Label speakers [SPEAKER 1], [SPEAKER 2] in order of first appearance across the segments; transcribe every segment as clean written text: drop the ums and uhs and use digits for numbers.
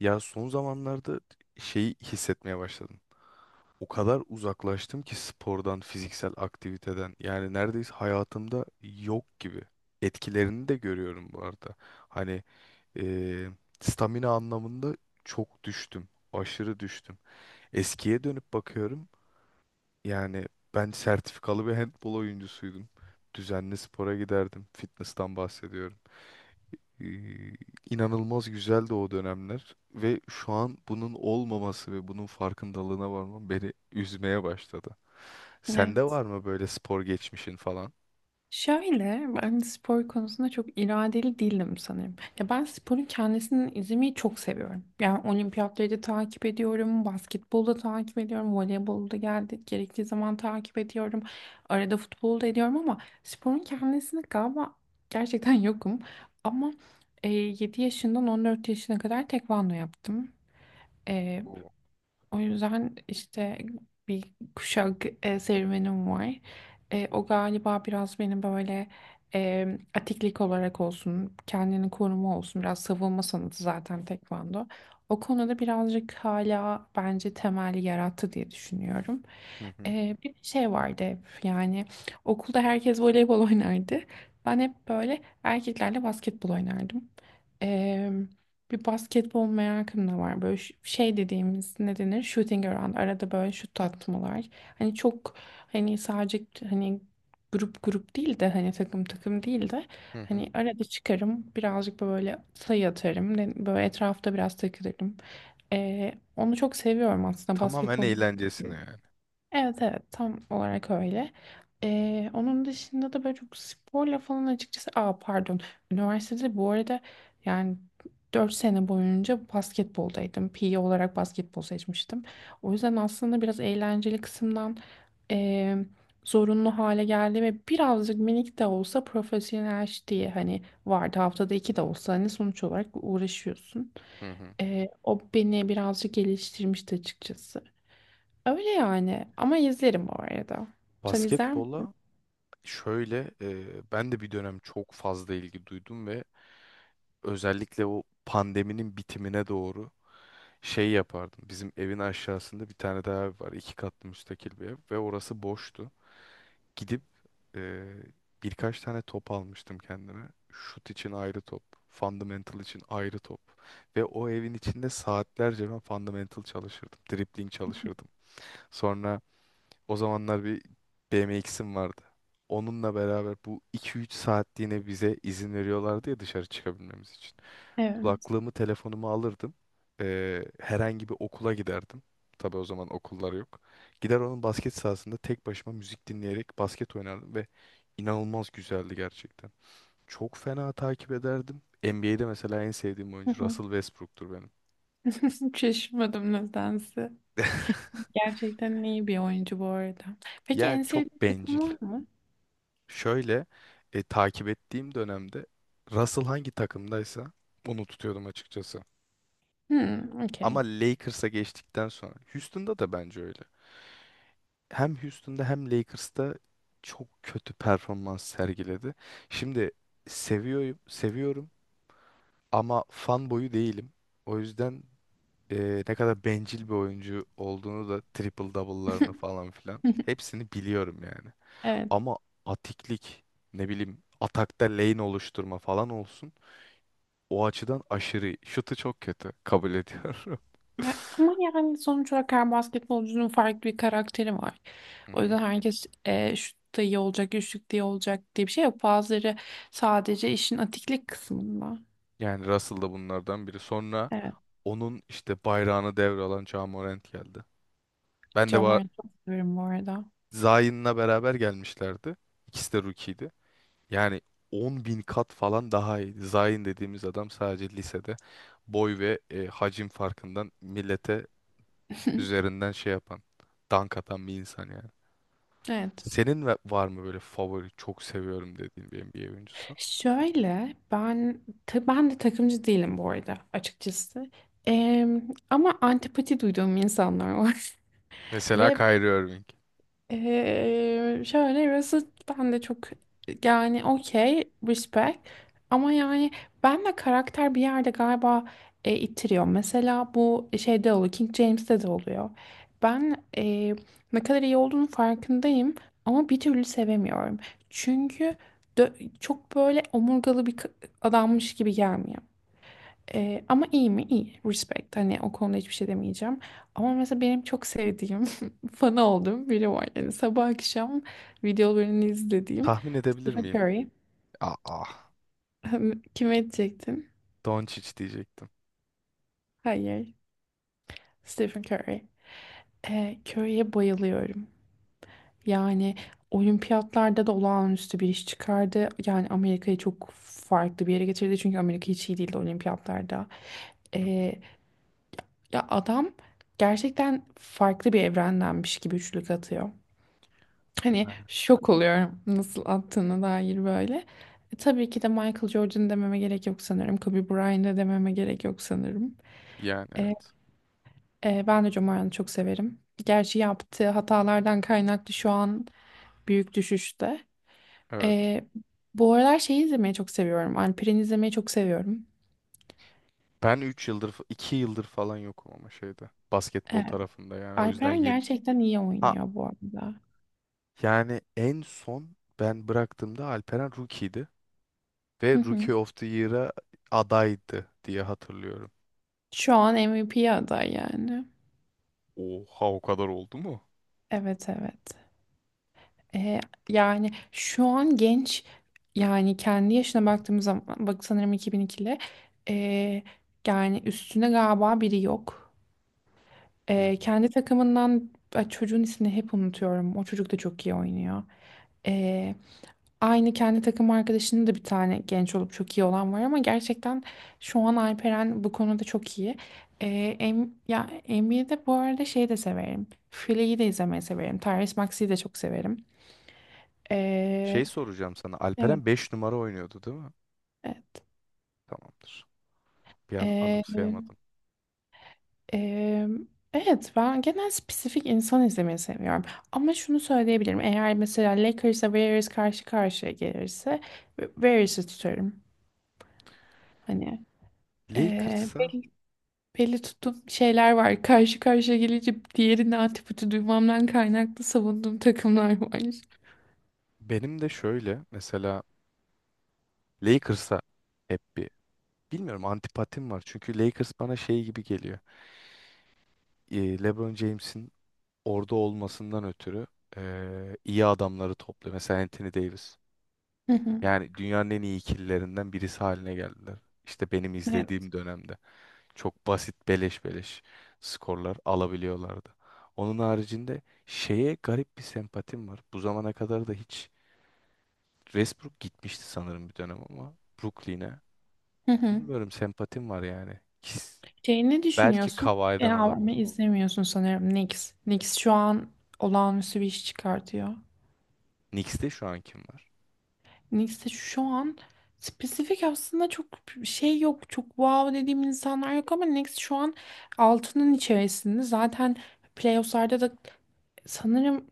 [SPEAKER 1] Ya son zamanlarda şeyi hissetmeye başladım. O kadar uzaklaştım ki spordan, fiziksel aktiviteden. Yani neredeyse hayatımda yok gibi. Etkilerini de görüyorum bu arada. Hani eee, stamina anlamında çok düştüm. Aşırı düştüm. Eskiye dönüp bakıyorum. Yani ben sertifikalı bir handbol oyuncusuydum. Düzenli spora giderdim. Fitness'tan bahsediyorum. Ee, inanılmaz güzeldi o dönemler ve şu an bunun olmaması ve bunun farkındalığına varmam beni üzmeye başladı. Sende
[SPEAKER 2] Evet.
[SPEAKER 1] var mı böyle spor geçmişin falan?
[SPEAKER 2] Şöyle ben spor konusunda çok iradeli değilim sanırım. Ya ben sporun kendisini izlemeyi çok seviyorum. Yani olimpiyatları da takip ediyorum, basketbolu da takip ediyorum, voleybolu da geldi, gerektiği zaman takip ediyorum. Arada futbolu da ediyorum ama sporun kendisini galiba gerçekten yokum. Ama 7 yaşından 14 yaşına kadar tekvando yaptım.
[SPEAKER 1] Oo.
[SPEAKER 2] O yüzden işte bir kuşak serüvenim var. O galiba biraz beni böyle e, atiklik olarak olsun, kendini koruma olsun, biraz savunma sanatı zaten tekvando. O konuda birazcık hala bence temel yarattı diye düşünüyorum.
[SPEAKER 1] Hı hı.
[SPEAKER 2] Bir şey vardı hep yani okulda herkes voleybol oynardı. Ben hep böyle erkeklerle basketbol oynardım. Bir basketbol merakım da var. Böyle şey dediğimiz ne denir? Shooting around. Arada böyle şut atmalar. Hani çok, hani sadece, hani grup grup değil de hani takım takım değil de
[SPEAKER 1] Hı hı.
[SPEAKER 2] hani arada çıkarım birazcık böyle sayı atarım. Böyle etrafta biraz takılırım. Onu çok seviyorum aslında
[SPEAKER 1] Tamamen
[SPEAKER 2] basketbol.
[SPEAKER 1] eğlencesine yani.
[SPEAKER 2] Evet, evet, tam olarak öyle. Onun dışında da böyle çok sporla falan açıkçası. Aa pardon. Üniversitede bu arada yani 4 sene boyunca basketboldaydım. PE olarak basketbol seçmiştim. O yüzden aslında biraz eğlenceli kısımdan eee, zorunlu hale geldi ve birazcık minik de olsa profesyonel diye hani vardı, haftada iki de olsa hani sonuç olarak uğraşıyorsun.
[SPEAKER 1] Hı hı.
[SPEAKER 2] O beni birazcık geliştirmişti açıkçası. Öyle yani. Ama izlerim bu arada. Sen izler misin?
[SPEAKER 1] Basketbola şöyle ben de bir dönem çok fazla ilgi duydum ve özellikle o pandeminin bitimine doğru şey yapardım. Bizim evin aşağısında bir tane daha ev var. İki katlı müstakil bir ev ve orası boştu. Gidip e, birkaç tane top almıştım kendime. Şut için ayrı top, fundamental için ayrı top. Ve o evin içinde saatlerce ben fundamental çalışırdım, dribbling çalışırdım. Sonra o zamanlar bir BMX'im vardı. Onunla beraber bu 2-3 saatliğine bize izin veriyorlardı ya dışarı çıkabilmemiz için.
[SPEAKER 2] Evet.
[SPEAKER 1] Kulaklığımı, telefonumu alırdım. Herhangi bir okula giderdim. Tabii o zaman okullar yok. Gider onun basket sahasında tek başıma müzik dinleyerek basket oynardım ve inanılmaz güzeldi gerçekten. Çok fena takip ederdim. NBA'de mesela en sevdiğim
[SPEAKER 2] Hı
[SPEAKER 1] oyuncu
[SPEAKER 2] hı.
[SPEAKER 1] Russell Westbrook'tur benim.
[SPEAKER 2] Şaşırmadım nedense. Gerçekten iyi bir oyuncu bu arada. Peki
[SPEAKER 1] Yani
[SPEAKER 2] en sevdiğin
[SPEAKER 1] çok
[SPEAKER 2] takım
[SPEAKER 1] bencil.
[SPEAKER 2] var mı?
[SPEAKER 1] Şöyle takip ettiğim dönemde Russell hangi takımdaysa onu tutuyordum açıkçası.
[SPEAKER 2] Hmm, okey.
[SPEAKER 1] Ama Lakers'a geçtikten sonra Houston'da da bence öyle. Hem Houston'da hem Lakers'ta çok kötü performans sergiledi. Şimdi seviyorum, ama fan boyu değilim. O yüzden ne kadar bencil bir oyuncu olduğunu da triple double'larını falan filan hepsini biliyorum yani.
[SPEAKER 2] Evet.
[SPEAKER 1] Ama atiklik ne bileyim atakta lane oluşturma falan olsun. O açıdan aşırı iyi. Şutu çok kötü. Kabul ediyorum.
[SPEAKER 2] Ya, ama yani sonuç olarak her basketbolcunun farklı bir karakteri var.
[SPEAKER 1] Hı
[SPEAKER 2] O
[SPEAKER 1] hı.
[SPEAKER 2] yüzden herkes şut da iyi olacak, üçlük diye olacak diye bir şey yok. Bazıları sadece işin atiklik kısmında.
[SPEAKER 1] Yani Russell da bunlardan biri. Sonra
[SPEAKER 2] Evet.
[SPEAKER 1] onun işte bayrağını devralan Ja Morant geldi. Ben de
[SPEAKER 2] John
[SPEAKER 1] ba-
[SPEAKER 2] Wayne'i çok severim bu arada.
[SPEAKER 1] Zion'la beraber gelmişlerdi. İkisi de rookie'ydi. Yani 10 bin kat falan daha iyi. Zion dediğimiz adam sadece lisede boy ve hacim farkından millete üzerinden şey yapan, dank atan bir insan yani.
[SPEAKER 2] Evet.
[SPEAKER 1] Var mı böyle favori çok seviyorum dediğin bir NBA oyuncusu?
[SPEAKER 2] Şöyle ben ben de takımcı değilim bu arada açıkçası. Ama antipati duyduğum insanlar var.
[SPEAKER 1] Mesela
[SPEAKER 2] Ve
[SPEAKER 1] Kyrie Irving.
[SPEAKER 2] şöyle burası ben de çok, yani okey respect ama yani ben de karakter bir yerde galiba ittiriyor. Mesela bu şeyde oluyor, King James'te de oluyor. Ben ne kadar iyi olduğunun farkındayım ama bir türlü sevemiyorum. Çünkü çok böyle omurgalı bir adammış gibi gelmiyor. Ama iyi mi? İyi. Respect. Hani o konuda hiçbir şey demeyeceğim. Ama mesela benim çok sevdiğim, fanı olduğum biri var. Yani sabah akşam videolarını izlediğim
[SPEAKER 1] Tahmin edebilir
[SPEAKER 2] Stephen
[SPEAKER 1] miyim?
[SPEAKER 2] Curry.
[SPEAKER 1] Ah, ah.
[SPEAKER 2] Kime edecektin?
[SPEAKER 1] Doncic diyecektim.
[SPEAKER 2] Hayır. Stephen Curry. Curry'e bayılıyorum. Yani olimpiyatlarda da olağanüstü bir iş çıkardı. Yani Amerika'yı çok farklı bir yere getirdi. Çünkü Amerika hiç iyi değildi olimpiyatlarda.
[SPEAKER 1] Hı hı.
[SPEAKER 2] Ee, Ya adam gerçekten farklı bir evrendenmiş gibi üçlük atıyor. Hani
[SPEAKER 1] Yani.
[SPEAKER 2] şok oluyorum nasıl attığına dair böyle. Tabii ki de Michael Jordan dememe gerek yok sanırım. Kobe Bryant'ı dememe gerek yok sanırım.
[SPEAKER 1] Yani
[SPEAKER 2] E,
[SPEAKER 1] evet.
[SPEAKER 2] Ben de Jomar'ı çok severim. Gerçi yaptığı hatalardan kaynaklı şu an büyük düşüşte.
[SPEAKER 1] Evet.
[SPEAKER 2] E, Bu aralar şeyi izlemeyi çok seviyorum. Alperen'i izlemeyi çok seviyorum.
[SPEAKER 1] Ben 3 yıldır, 2 yıldır falan yokum ama şeyde. Basketbol
[SPEAKER 2] Evet,
[SPEAKER 1] tarafında yani. O yüzden
[SPEAKER 2] Alperen
[SPEAKER 1] yeni.
[SPEAKER 2] gerçekten iyi
[SPEAKER 1] Ha
[SPEAKER 2] oynuyor bu arada.
[SPEAKER 1] yani en son ben bıraktığımda Alperen rookie'ydi. Ve
[SPEAKER 2] Hı hı.
[SPEAKER 1] Rookie of the Year'a adaydı diye hatırlıyorum.
[SPEAKER 2] Şu an MVP aday yani.
[SPEAKER 1] Oha o kadar oldu mu?
[SPEAKER 2] Evet, evet. E, Yani şu an genç, yani kendi yaşına baktığımız zaman bak sanırım 2002'li, e, yani üstüne galiba biri yok.
[SPEAKER 1] Hı.
[SPEAKER 2] Kendi takımından, ay, çocuğun ismini hep unutuyorum. O çocuk da çok iyi oynuyor. E, Aynı kendi takım arkadaşının da bir tane genç olup çok iyi olan var ama gerçekten şu an Alperen bu konuda çok iyi. E, Ya NBA'de bu arada şey de severim. Philea'yı de izlemeyi severim. Tyrese Maxey'i de çok severim.
[SPEAKER 1] Şey
[SPEAKER 2] E,
[SPEAKER 1] soracağım sana. Alperen
[SPEAKER 2] Evet.
[SPEAKER 1] 5 numara oynuyordu değil mi?
[SPEAKER 2] E-
[SPEAKER 1] Tamamdır. Bir an
[SPEAKER 2] e,
[SPEAKER 1] anımsayamadım.
[SPEAKER 2] e, evet, ben genel spesifik insan izlemeyi seviyorum. Ama şunu söyleyebilirim. Eğer mesela Lakers'a Warriors karşı karşıya gelirse Warriors'ı tutarım. Hani e,
[SPEAKER 1] Lakers'a
[SPEAKER 2] belli, belli tuttuğum şeyler var. Karşı karşıya gelince diğerinin antipati duymamdan kaynaklı savunduğum takımlar var.
[SPEAKER 1] benim de şöyle mesela Lakers'a hep bir bilmiyorum antipatim var. Çünkü Lakers bana şey gibi geliyor. LeBron James'in orada olmasından ötürü iyi adamları topluyor. Mesela Anthony Davis.
[SPEAKER 2] Hı hı.
[SPEAKER 1] Yani dünyanın en iyi ikililerinden birisi haline geldiler. İşte benim
[SPEAKER 2] Evet.
[SPEAKER 1] izlediğim dönemde çok basit beleş beleş skorlar alabiliyorlardı. Onun haricinde şeye garip bir sempatim var. Bu zamana kadar da hiç Westbrook gitmişti sanırım bir dönem ama Brooklyn'e.
[SPEAKER 2] Hı hı.
[SPEAKER 1] Bilmiyorum sempatim var yani.
[SPEAKER 2] Şey, ne
[SPEAKER 1] Belki
[SPEAKER 2] düşünüyorsun?
[SPEAKER 1] Kawhi'den
[SPEAKER 2] Ya ama
[SPEAKER 1] olabilir.
[SPEAKER 2] izlemiyorsun sanırım Knicks. Knicks şu an olağanüstü bir iş çıkartıyor.
[SPEAKER 1] Knicks'te şu an kim var?
[SPEAKER 2] Neyse şu an spesifik aslında çok şey yok. Çok wow dediğim insanlar yok ama Next şu an altının içerisinde. Zaten playoff'larda da sanırım,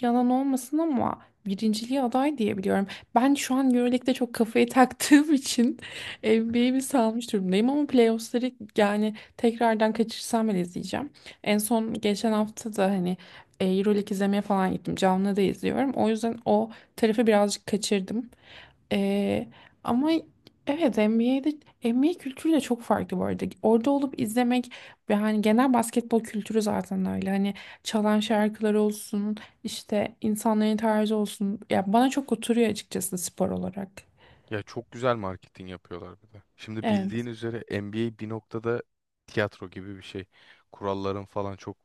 [SPEAKER 2] yalan olmasın ama, birinciliğe aday diyebiliyorum. Ben şu an EuroLeague'de çok kafayı taktığım için NBA'yi bir salmış durumdayım ama playoff'ları, yani tekrardan kaçırsam bile izleyeceğim. En son geçen hafta da hani EuroLeague izlemeye falan gittim. Canlı da izliyorum. O yüzden o tarafı birazcık kaçırdım. Ee, Ama evet, NBA'de NBA kültürü de çok farklı bu arada. Orada olup izlemek ve hani genel basketbol kültürü zaten öyle. Hani çalan şarkılar olsun, işte insanların tarzı olsun. Ya bana çok oturuyor açıkçası spor olarak.
[SPEAKER 1] Ya çok güzel marketing yapıyorlar bir de. Şimdi bildiğin
[SPEAKER 2] Evet.
[SPEAKER 1] üzere NBA bir noktada tiyatro gibi bir şey. Kuralların falan çok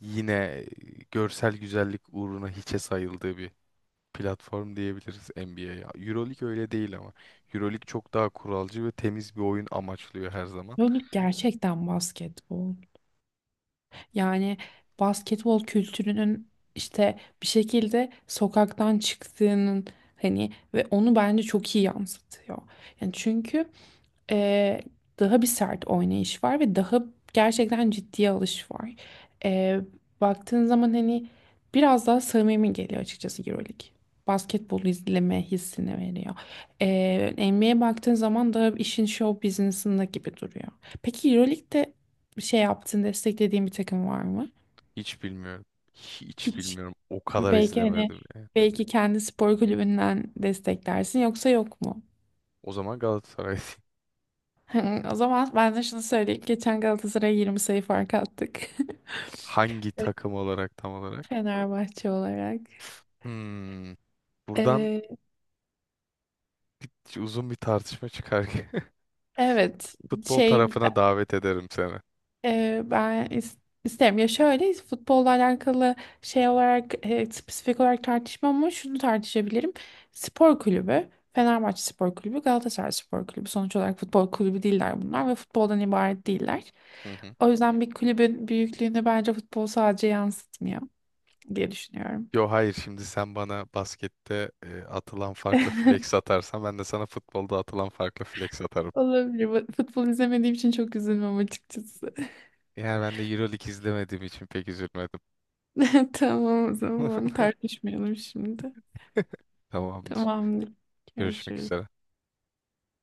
[SPEAKER 1] yine görsel güzellik uğruna hiçe sayıldığı bir platform diyebiliriz NBA'ye. EuroLeague öyle değil ama. EuroLeague çok daha kuralcı ve temiz bir oyun amaçlıyor her zaman.
[SPEAKER 2] Yani gerçekten basketbol. Yani basketbol kültürünün işte bir şekilde sokaktan çıktığının, hani, ve onu bence çok iyi yansıtıyor. Yani çünkü e, daha bir sert oynayış var ve daha gerçekten ciddiye alış var. E, Baktığın zaman hani biraz daha samimi geliyor açıkçası EuroLeague. Basketbol izleme hissini veriyor. NBA'ye baktığın zaman da işin show business'ında gibi duruyor. Peki EuroLeague'de bir şey yaptığın, desteklediğin bir takım var mı?
[SPEAKER 1] Hiç bilmiyorum. Hiç
[SPEAKER 2] Hiç.
[SPEAKER 1] bilmiyorum. O kadar
[SPEAKER 2] Belki hani,
[SPEAKER 1] izlemedim yani.
[SPEAKER 2] belki kendi spor kulübünden desteklersin yoksa yok mu?
[SPEAKER 1] O zaman Galatasaray.
[SPEAKER 2] Hı, o zaman ben de şunu söyleyeyim. Geçen Galatasaray'a 20 sayı fark attık.
[SPEAKER 1] Hangi takım olarak tam olarak?
[SPEAKER 2] Fenerbahçe olarak.
[SPEAKER 1] Hmm. Buradan
[SPEAKER 2] Ee,
[SPEAKER 1] uzun bir tartışma çıkar ki.
[SPEAKER 2] evet,
[SPEAKER 1] Futbol
[SPEAKER 2] şey,
[SPEAKER 1] tarafına davet ederim seni.
[SPEAKER 2] ben isterim. Ya şöyle, futbolla alakalı şey olarak spesifik olarak tartışmam ama şunu tartışabilirim. Spor kulübü, Fenerbahçe Spor Kulübü, Galatasaray Spor Kulübü sonuç olarak futbol kulübü değiller bunlar ve futboldan ibaret değiller.
[SPEAKER 1] Hı hı.
[SPEAKER 2] O yüzden bir kulübün büyüklüğünü bence futbol sadece yansıtmıyor diye düşünüyorum.
[SPEAKER 1] Yo hayır, şimdi sen bana baskette atılan farklı flex atarsan ben de sana futbolda atılan farklı flex atarım.
[SPEAKER 2] Olabilir. Futbol izlemediğim için çok üzülmem açıkçası.
[SPEAKER 1] Yani ben de Euroleague izlemediğim için pek üzülmedim.
[SPEAKER 2] Tamam, o zaman tartışmayalım şimdi.
[SPEAKER 1] Tamamdır.
[SPEAKER 2] Tamamdır.
[SPEAKER 1] Görüşmek
[SPEAKER 2] Görüşürüz.
[SPEAKER 1] üzere.